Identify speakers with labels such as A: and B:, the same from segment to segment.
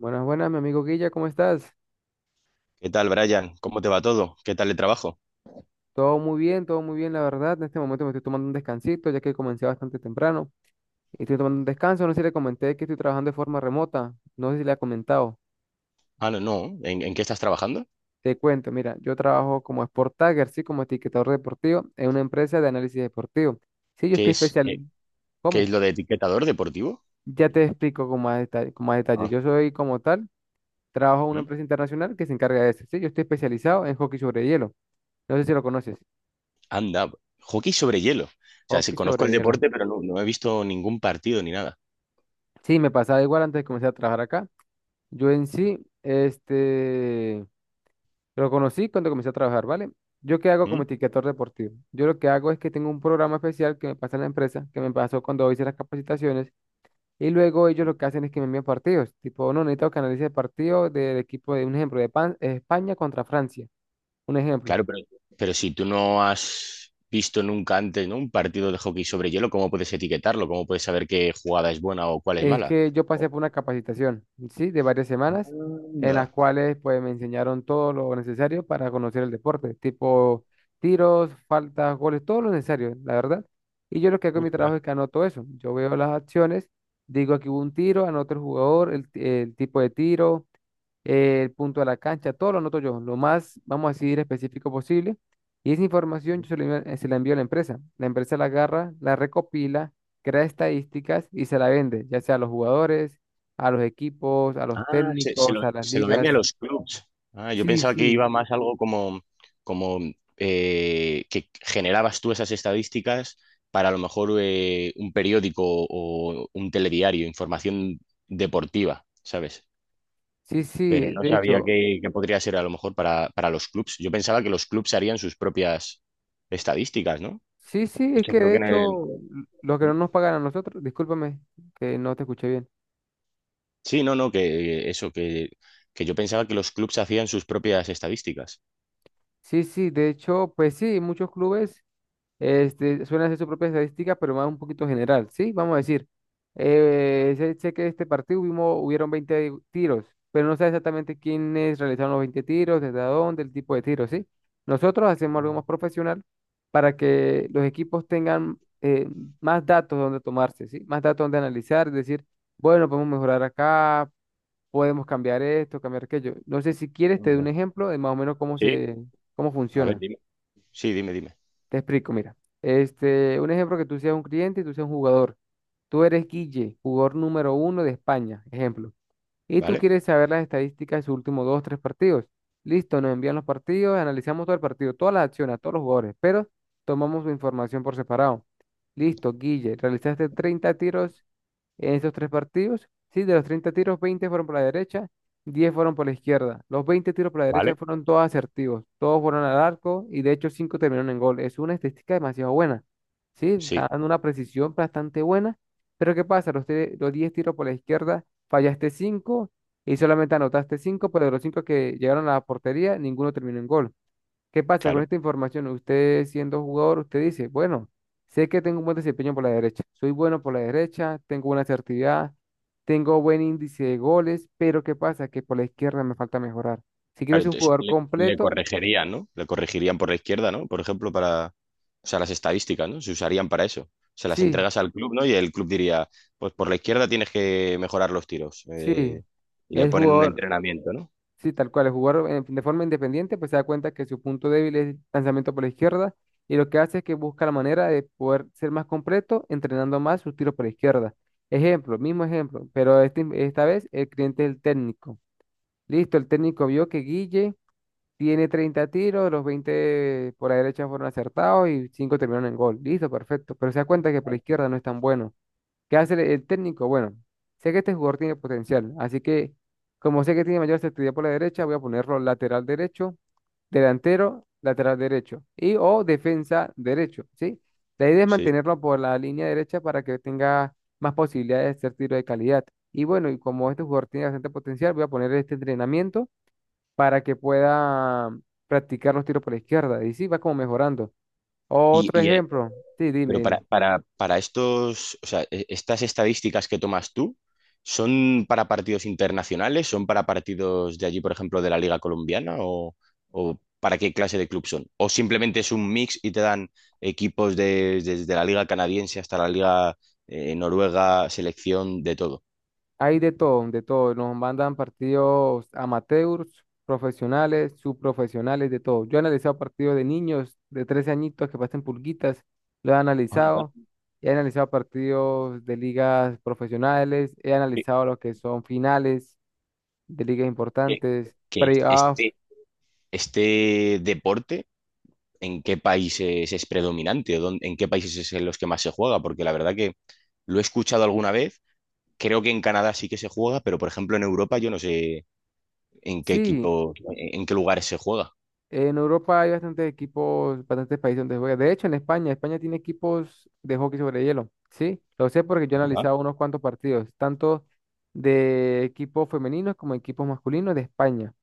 A: Buenas, buenas, mi amigo Guilla, ¿cómo estás?
B: ¿Qué tal, Brian? ¿Cómo te va todo? ¿Qué tal el trabajo?
A: Todo muy bien, la verdad. En este momento me estoy tomando un descansito, ya que comencé bastante temprano. Y estoy tomando un descanso, no sé si le comenté que estoy trabajando de forma remota, no sé si le ha comentado.
B: Ah, no, no. ¿En qué estás trabajando?
A: Te cuento, mira, yo trabajo como Sport Tagger, sí, como etiquetador deportivo, en una empresa de análisis deportivo. Sí, yo
B: ¿Qué
A: estoy
B: es,
A: especial.
B: qué, qué es
A: ¿Cómo?
B: lo de etiquetador deportivo?
A: Ya te explico con más detalle, con más detalle.
B: Ah.
A: Yo soy como tal, trabajo en una
B: ¿Mm?
A: empresa internacional que se encarga de eso. Sí, yo estoy especializado en hockey sobre hielo. No sé si lo conoces.
B: Anda, hockey sobre hielo. O sea, sí
A: Hockey
B: conozco
A: sobre
B: el
A: hielo.
B: deporte, pero no, no he visto ningún partido ni nada.
A: Sí, me pasaba igual antes de comenzar a trabajar acá. Yo en sí, lo conocí cuando comencé a trabajar, ¿vale? Yo qué hago
B: ¿Mm?
A: como etiquetador deportivo. Yo lo que hago es que tengo un programa especial que me pasa en la empresa, que me pasó cuando hice las capacitaciones, y luego ellos lo que hacen es que me envían partidos. Tipo, no, necesito que analice el partido del equipo de un ejemplo de España contra Francia. Un ejemplo.
B: Claro, pero si tú no has visto nunca antes, ¿no? un partido de hockey sobre hielo, ¿cómo puedes etiquetarlo? ¿Cómo puedes saber qué jugada es buena o cuál es
A: Es
B: mala?
A: que yo pasé
B: Oh.
A: por una capacitación, ¿sí? De varias semanas, en las
B: Anda.
A: cuales pues me enseñaron todo lo necesario para conocer el deporte, tipo tiros, faltas, goles, todo lo necesario, la verdad. Y yo lo que hago en mi
B: Ostras.
A: trabajo es que anoto eso. Yo veo las acciones, digo aquí hubo un tiro, anoto el jugador, el tipo de tiro, el punto a la cancha, todo lo noto yo, lo más, vamos a decir, específico posible. Y esa información yo se la envío a la empresa. La empresa la agarra, la recopila, crea estadísticas y se la vende, ya sea a los jugadores, a los equipos, a los
B: Ah, se,
A: técnicos, a las
B: se lo vende a
A: ligas.
B: los clubs. Ah, yo
A: Sí,
B: pensaba que
A: sí,
B: iba más algo como, como que generabas tú esas estadísticas para a lo mejor un periódico o un telediario, información deportiva, ¿sabes?
A: sí,
B: Pero
A: sí,
B: no
A: de
B: sabía
A: hecho,
B: que podría ser a lo mejor para los clubs. Yo pensaba que los clubs harían sus propias estadísticas, ¿no?
A: sí, sí,
B: De
A: es
B: hecho,
A: que
B: creo
A: de
B: que en el...
A: hecho, lo que no nos pagan a nosotros, discúlpame que no te escuché bien.
B: Sí, no, no, que eso, que yo pensaba que los clubs hacían sus propias estadísticas.
A: Sí, sí, de hecho, pues sí, muchos clubes suelen hacer su propia estadística, pero más un poquito general, ¿sí? Vamos a decir, sé que este partido hubieron 20 tiros, pero no sé exactamente quiénes realizaron los 20 tiros, desde dónde, el tipo de tiro, ¿sí? Nosotros hacemos algo más profesional para
B: Sí.
A: que los equipos tengan más datos donde tomarse, ¿sí? Más datos donde analizar, es decir, bueno, podemos mejorar acá, podemos cambiar esto, cambiar aquello. No sé si quieres, te doy un ejemplo de más o menos
B: Sí,
A: cómo
B: a ver,
A: funciona.
B: dime. Sí, dime, dime.
A: Te explico, mira. Un ejemplo que tú seas un cliente y tú seas un jugador. Tú eres Guille, jugador número uno de España, ejemplo. Y tú
B: ¿Vale?
A: quieres saber las estadísticas de sus últimos dos, tres partidos. Listo, nos envían los partidos, analizamos todo el partido, todas las acciones, a todos los jugadores, pero tomamos su información por separado. Listo, Guille, realizaste 30 tiros en esos tres partidos, sí, de los 30 tiros, 20 fueron por la derecha, 10 fueron por la izquierda. Los 20 tiros por la derecha
B: ¿Vale?
A: fueron todos asertivos, todos fueron al arco y de hecho 5 terminaron en gol. Es una estadística demasiado buena, sí,
B: Sí,
A: dando una precisión bastante buena. Pero ¿qué pasa? Los 10 tiros por la izquierda, fallaste 5 y solamente anotaste cinco, pero de los 5 que llegaron a la portería, ninguno terminó en gol. ¿Qué pasa con
B: claro.
A: esta información? Usted siendo jugador, usted dice, bueno, sé que tengo un buen desempeño por la derecha, soy bueno por la derecha, tengo buena asertividad, tengo buen índice de goles, pero ¿qué pasa? Que por la izquierda me falta mejorar. Si quiero
B: Claro,
A: ser un
B: entonces
A: jugador
B: le
A: completo,
B: corregirían, ¿no? Le corregirían por la izquierda, ¿no? Por ejemplo, para, o sea, las estadísticas, ¿no? Se usarían para eso. Se las
A: sí,
B: entregas al club, ¿no? Y el club diría, pues por la izquierda tienes que mejorar los tiros.
A: sí.
B: Y le
A: El
B: ponen un
A: jugador,
B: entrenamiento, ¿no?
A: Sí, tal cual, el jugar de forma independiente, pues se da cuenta que su punto débil es lanzamiento por la izquierda y lo que hace es que busca la manera de poder ser más completo entrenando más sus tiros por la izquierda. Ejemplo, mismo ejemplo, pero esta vez el cliente es el técnico. Listo, el técnico vio que Guille tiene 30 tiros, los 20 por la derecha fueron acertados y 5 terminaron en gol. Listo, perfecto, pero se da cuenta que por la izquierda no es tan bueno. ¿Qué hace el técnico? Bueno, sé que este jugador tiene potencial, así que como sé que tiene mayor actividad por la derecha, voy a ponerlo lateral derecho, delantero, lateral derecho y o defensa derecho, ¿sí? La idea es
B: Sí.
A: mantenerlo por la línea derecha para que tenga más posibilidades de hacer tiro de calidad. Y bueno, y como este jugador tiene bastante potencial, voy a poner este entrenamiento para que pueda practicar los tiros por la izquierda. Y sí, va como mejorando.
B: Y,
A: Otro
B: y,
A: ejemplo. Sí, dime,
B: Pero
A: dime.
B: para estos, o sea, estas estadísticas que tomas tú, ¿son para partidos internacionales? ¿Son para partidos de allí, por ejemplo, de la Liga Colombiana? O para qué clase de club son? ¿O simplemente es un mix y te dan equipos desde la Liga Canadiense hasta la Liga Noruega, selección, de todo?
A: Hay de todo, de todo. Nos mandan partidos amateurs, profesionales, subprofesionales, de todo. Yo he analizado partidos de niños de 13 añitos que pasen pulguitas, lo he
B: Anda,
A: analizado. He analizado partidos de ligas profesionales, he
B: que,
A: analizado lo que son finales de ligas
B: que-
A: importantes,
B: que
A: playoffs.
B: este, este deporte en qué países es predominante o en qué países es en los que más se juega, porque la verdad que lo he escuchado alguna vez, creo que en Canadá sí que se juega, pero por ejemplo en Europa yo no sé en qué
A: Sí,
B: equipo, en qué lugares se juega.
A: en Europa hay bastantes equipos, bastantes países donde se juega. De hecho, en España, España tiene equipos de hockey sobre hielo. Sí, lo sé porque yo he
B: Anda.
A: analizado unos cuantos partidos, tanto de equipos femeninos como equipos masculinos de España.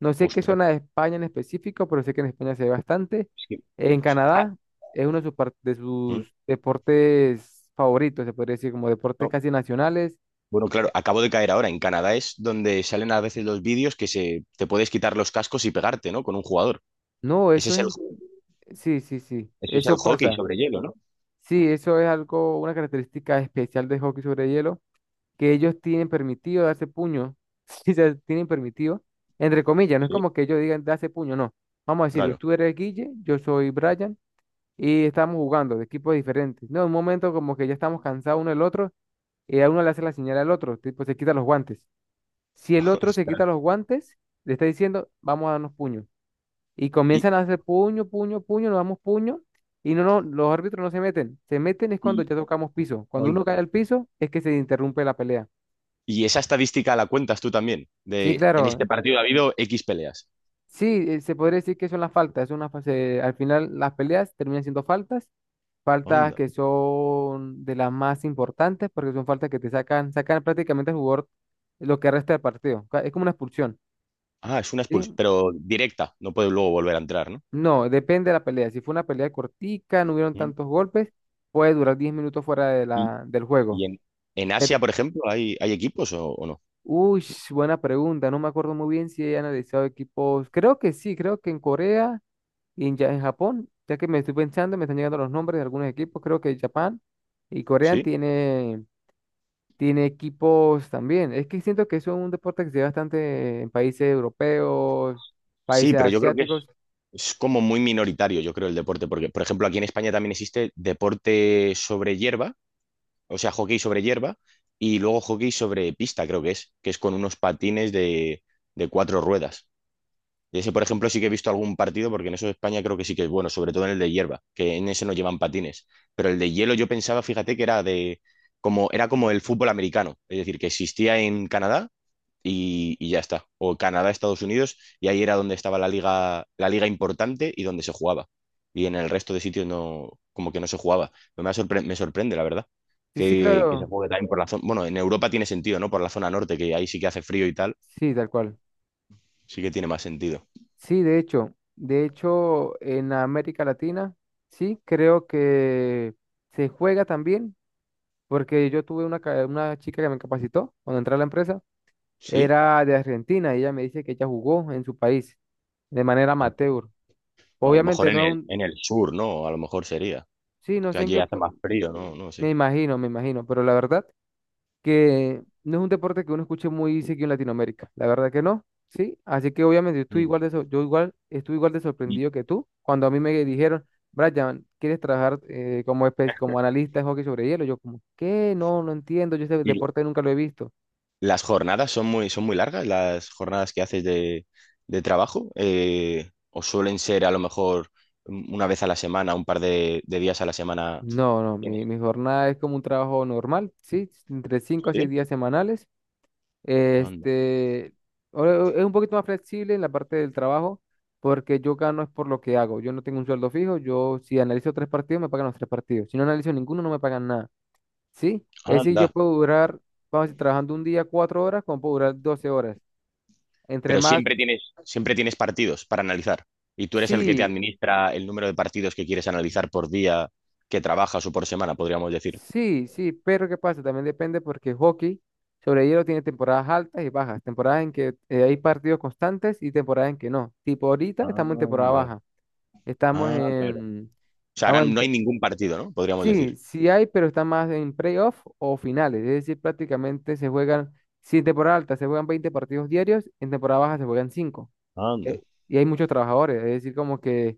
A: No sé qué
B: Ostras.
A: zona de España en específico, pero sé que en España se ve bastante.
B: es que-
A: En
B: ah.
A: Canadá es uno de de
B: Mm.
A: sus deportes favoritos, se podría decir, como deportes
B: no,
A: casi nacionales.
B: No, claro, acabo de caer ahora. En Canadá es donde salen a veces los vídeos que se, te puedes quitar los cascos y pegarte, ¿no? Con un jugador.
A: No,
B: Ese es el,
A: sí, sí, sí,
B: ese es el
A: eso
B: hockey
A: pasa.
B: sobre hielo, ¿no?
A: Sí, eso es algo, una característica especial de hockey sobre hielo, que ellos tienen permitido darse puño, sí, se tienen permitido, entre comillas, no es
B: Sí.
A: como que ellos digan darse puño, no. Vamos a decir,
B: Claro.
A: tú eres Guille, yo soy Brian, y estamos jugando de equipos diferentes. No, en un momento como que ya estamos cansados uno del otro, y a uno le hace la señal al otro, tipo se quita los guantes. Si el otro se
B: Ostras.
A: quita los guantes, le está diciendo, vamos a darnos puño y
B: Y,
A: comienzan a hacer puño, puño, puño, nos damos puño y no, no, los árbitros no se meten. Se meten es cuando
B: sí.
A: ya tocamos piso. Cuando uno cae al piso es que se interrumpe la pelea.
B: Y esa estadística la cuentas tú también,
A: Sí,
B: de en
A: claro.
B: este partido ha habido X peleas.
A: Sí, se podría decir que son las faltas. Es una fase, al final las peleas terminan siendo faltas, faltas
B: Onda.
A: que son de las más importantes porque son faltas que te sacan, sacan prácticamente al jugador lo que resta del partido. Es como una expulsión,
B: Ah, es una expulsión,
A: ¿sí?
B: pero directa, no puede luego volver a entrar, ¿no?
A: No, depende de la pelea. Si fue una pelea cortica, no hubieron
B: Mm.
A: tantos golpes, puede durar 10 minutos fuera de
B: Y,
A: la, del juego.
B: y en, en
A: Pero-
B: Asia, por ejemplo, ¿hay, hay equipos o no?
A: Uy, buena pregunta. No me acuerdo muy bien si he analizado equipos. Creo que sí, creo que en Corea y en, en Japón, ya que me estoy pensando, me están llegando los nombres de algunos equipos. Creo que Japón y Corea
B: Sí,
A: tiene, tiene equipos también. Es que siento que eso es un deporte que se ve bastante en países europeos,
B: sí,
A: países
B: pero yo creo que
A: asiáticos.
B: es como muy minoritario, yo creo, el deporte, porque, por ejemplo, aquí en España también existe deporte sobre hierba, o sea, hockey sobre hierba, y luego hockey sobre pista, creo que es con unos patines de cuatro ruedas. Y ese, por ejemplo, sí que he visto algún partido, porque en eso de España creo que sí que es bueno, sobre todo en el de hierba, que en ese no llevan patines. Pero el de hielo yo pensaba, fíjate, que era de como, era como el fútbol americano, es decir, que existía en Canadá y ya está. O Canadá, Estados Unidos, y ahí era donde estaba la liga importante y donde se jugaba. Y en el resto de sitios no, como que no se jugaba. Me, me sorprende, la verdad,
A: Sí, sí,
B: que se
A: claro.
B: juegue también por la zona. Bueno, en Europa tiene sentido, ¿no? Por la zona norte, que ahí sí que hace frío y tal,
A: Sí, tal cual.
B: sí que tiene más sentido.
A: Sí, de hecho, en América Latina, sí, creo que se juega también. Porque yo tuve una chica que me capacitó cuando entré a la empresa,
B: ¿Sí?
A: era de Argentina y ella me dice que ella jugó en su país de manera amateur.
B: O a lo mejor
A: Obviamente no es un,
B: en el sur, ¿no? A lo mejor sería.
A: sí, no
B: Que
A: sé en
B: allí hace más frío, ¿no? No sé.
A: me imagino, pero la verdad que no es un deporte que uno escuche muy seguido en Latinoamérica, la verdad que no, sí, así que obviamente yo estoy
B: Mm.
A: yo igual, estuve igual de
B: ¿Y,
A: sorprendido que tú cuando a mí me dijeron, Brian, ¿quieres trabajar como analista de hockey sobre hielo? Yo como, ¿qué? No, no entiendo, yo ese
B: y
A: deporte nunca lo he visto.
B: las jornadas son muy largas? ¿Las jornadas que haces de trabajo? ¿O suelen ser a lo mejor una vez a la semana, un par de días a la semana?
A: No, no,
B: ¿Tienes?
A: mi jornada es como un trabajo normal, sí, entre 5 a 6
B: ¿Sí?
A: días semanales.
B: Anda,
A: Este, es un poquito más flexible en la parte del trabajo porque yo gano es por lo que hago. Yo no tengo un sueldo fijo, yo si analizo tres partidos me pagan los tres partidos. Si no analizo ninguno no me pagan nada, ¿sí? Es decir, yo
B: anda.
A: puedo durar, vamos a decir, trabajando un día 4 horas, como puedo durar 12 horas. Entre
B: Pero
A: más,
B: siempre tienes partidos para analizar. Y tú eres el que te
A: sí,
B: administra el número de partidos que quieres analizar por día que trabajas o por semana, podríamos decir.
A: sí, sí, pero ¿qué pasa? También depende porque hockey sobre hielo tiene temporadas altas y bajas, temporadas en que hay partidos constantes y temporadas en que no. Tipo, ahorita estamos en temporada
B: Anda.
A: baja, estamos
B: Ah, claro.
A: en...
B: O sea, ahora
A: Vamos en-
B: no hay ningún partido, ¿no? Podríamos decir.
A: sí, sí hay, pero está más en playoff o finales, es decir, prácticamente se juegan, si en temporada alta se juegan 20 partidos diarios, en temporada baja se juegan 5, eh,
B: Anda,
A: y hay muchos trabajadores, es decir, como que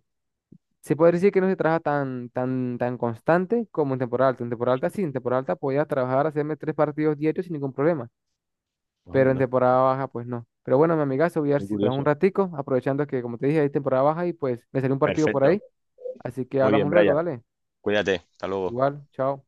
A: se puede decir que no se trabaja tan constante como en temporada alta. En temporada alta sí, en temporada alta podía trabajar, hacerme tres partidos diarios sin ningún problema, pero en
B: anda,
A: temporada baja pues no. Pero bueno, mi amigazo, voy a ver
B: qué
A: si trabajo un
B: curioso.
A: ratico, aprovechando que como te dije, hay temporada baja y pues me salió un partido por
B: Perfecto.
A: ahí. Así que
B: Muy bien,
A: hablamos luego,
B: Brian.
A: dale.
B: Cuídate. Hasta luego.
A: Igual, chao.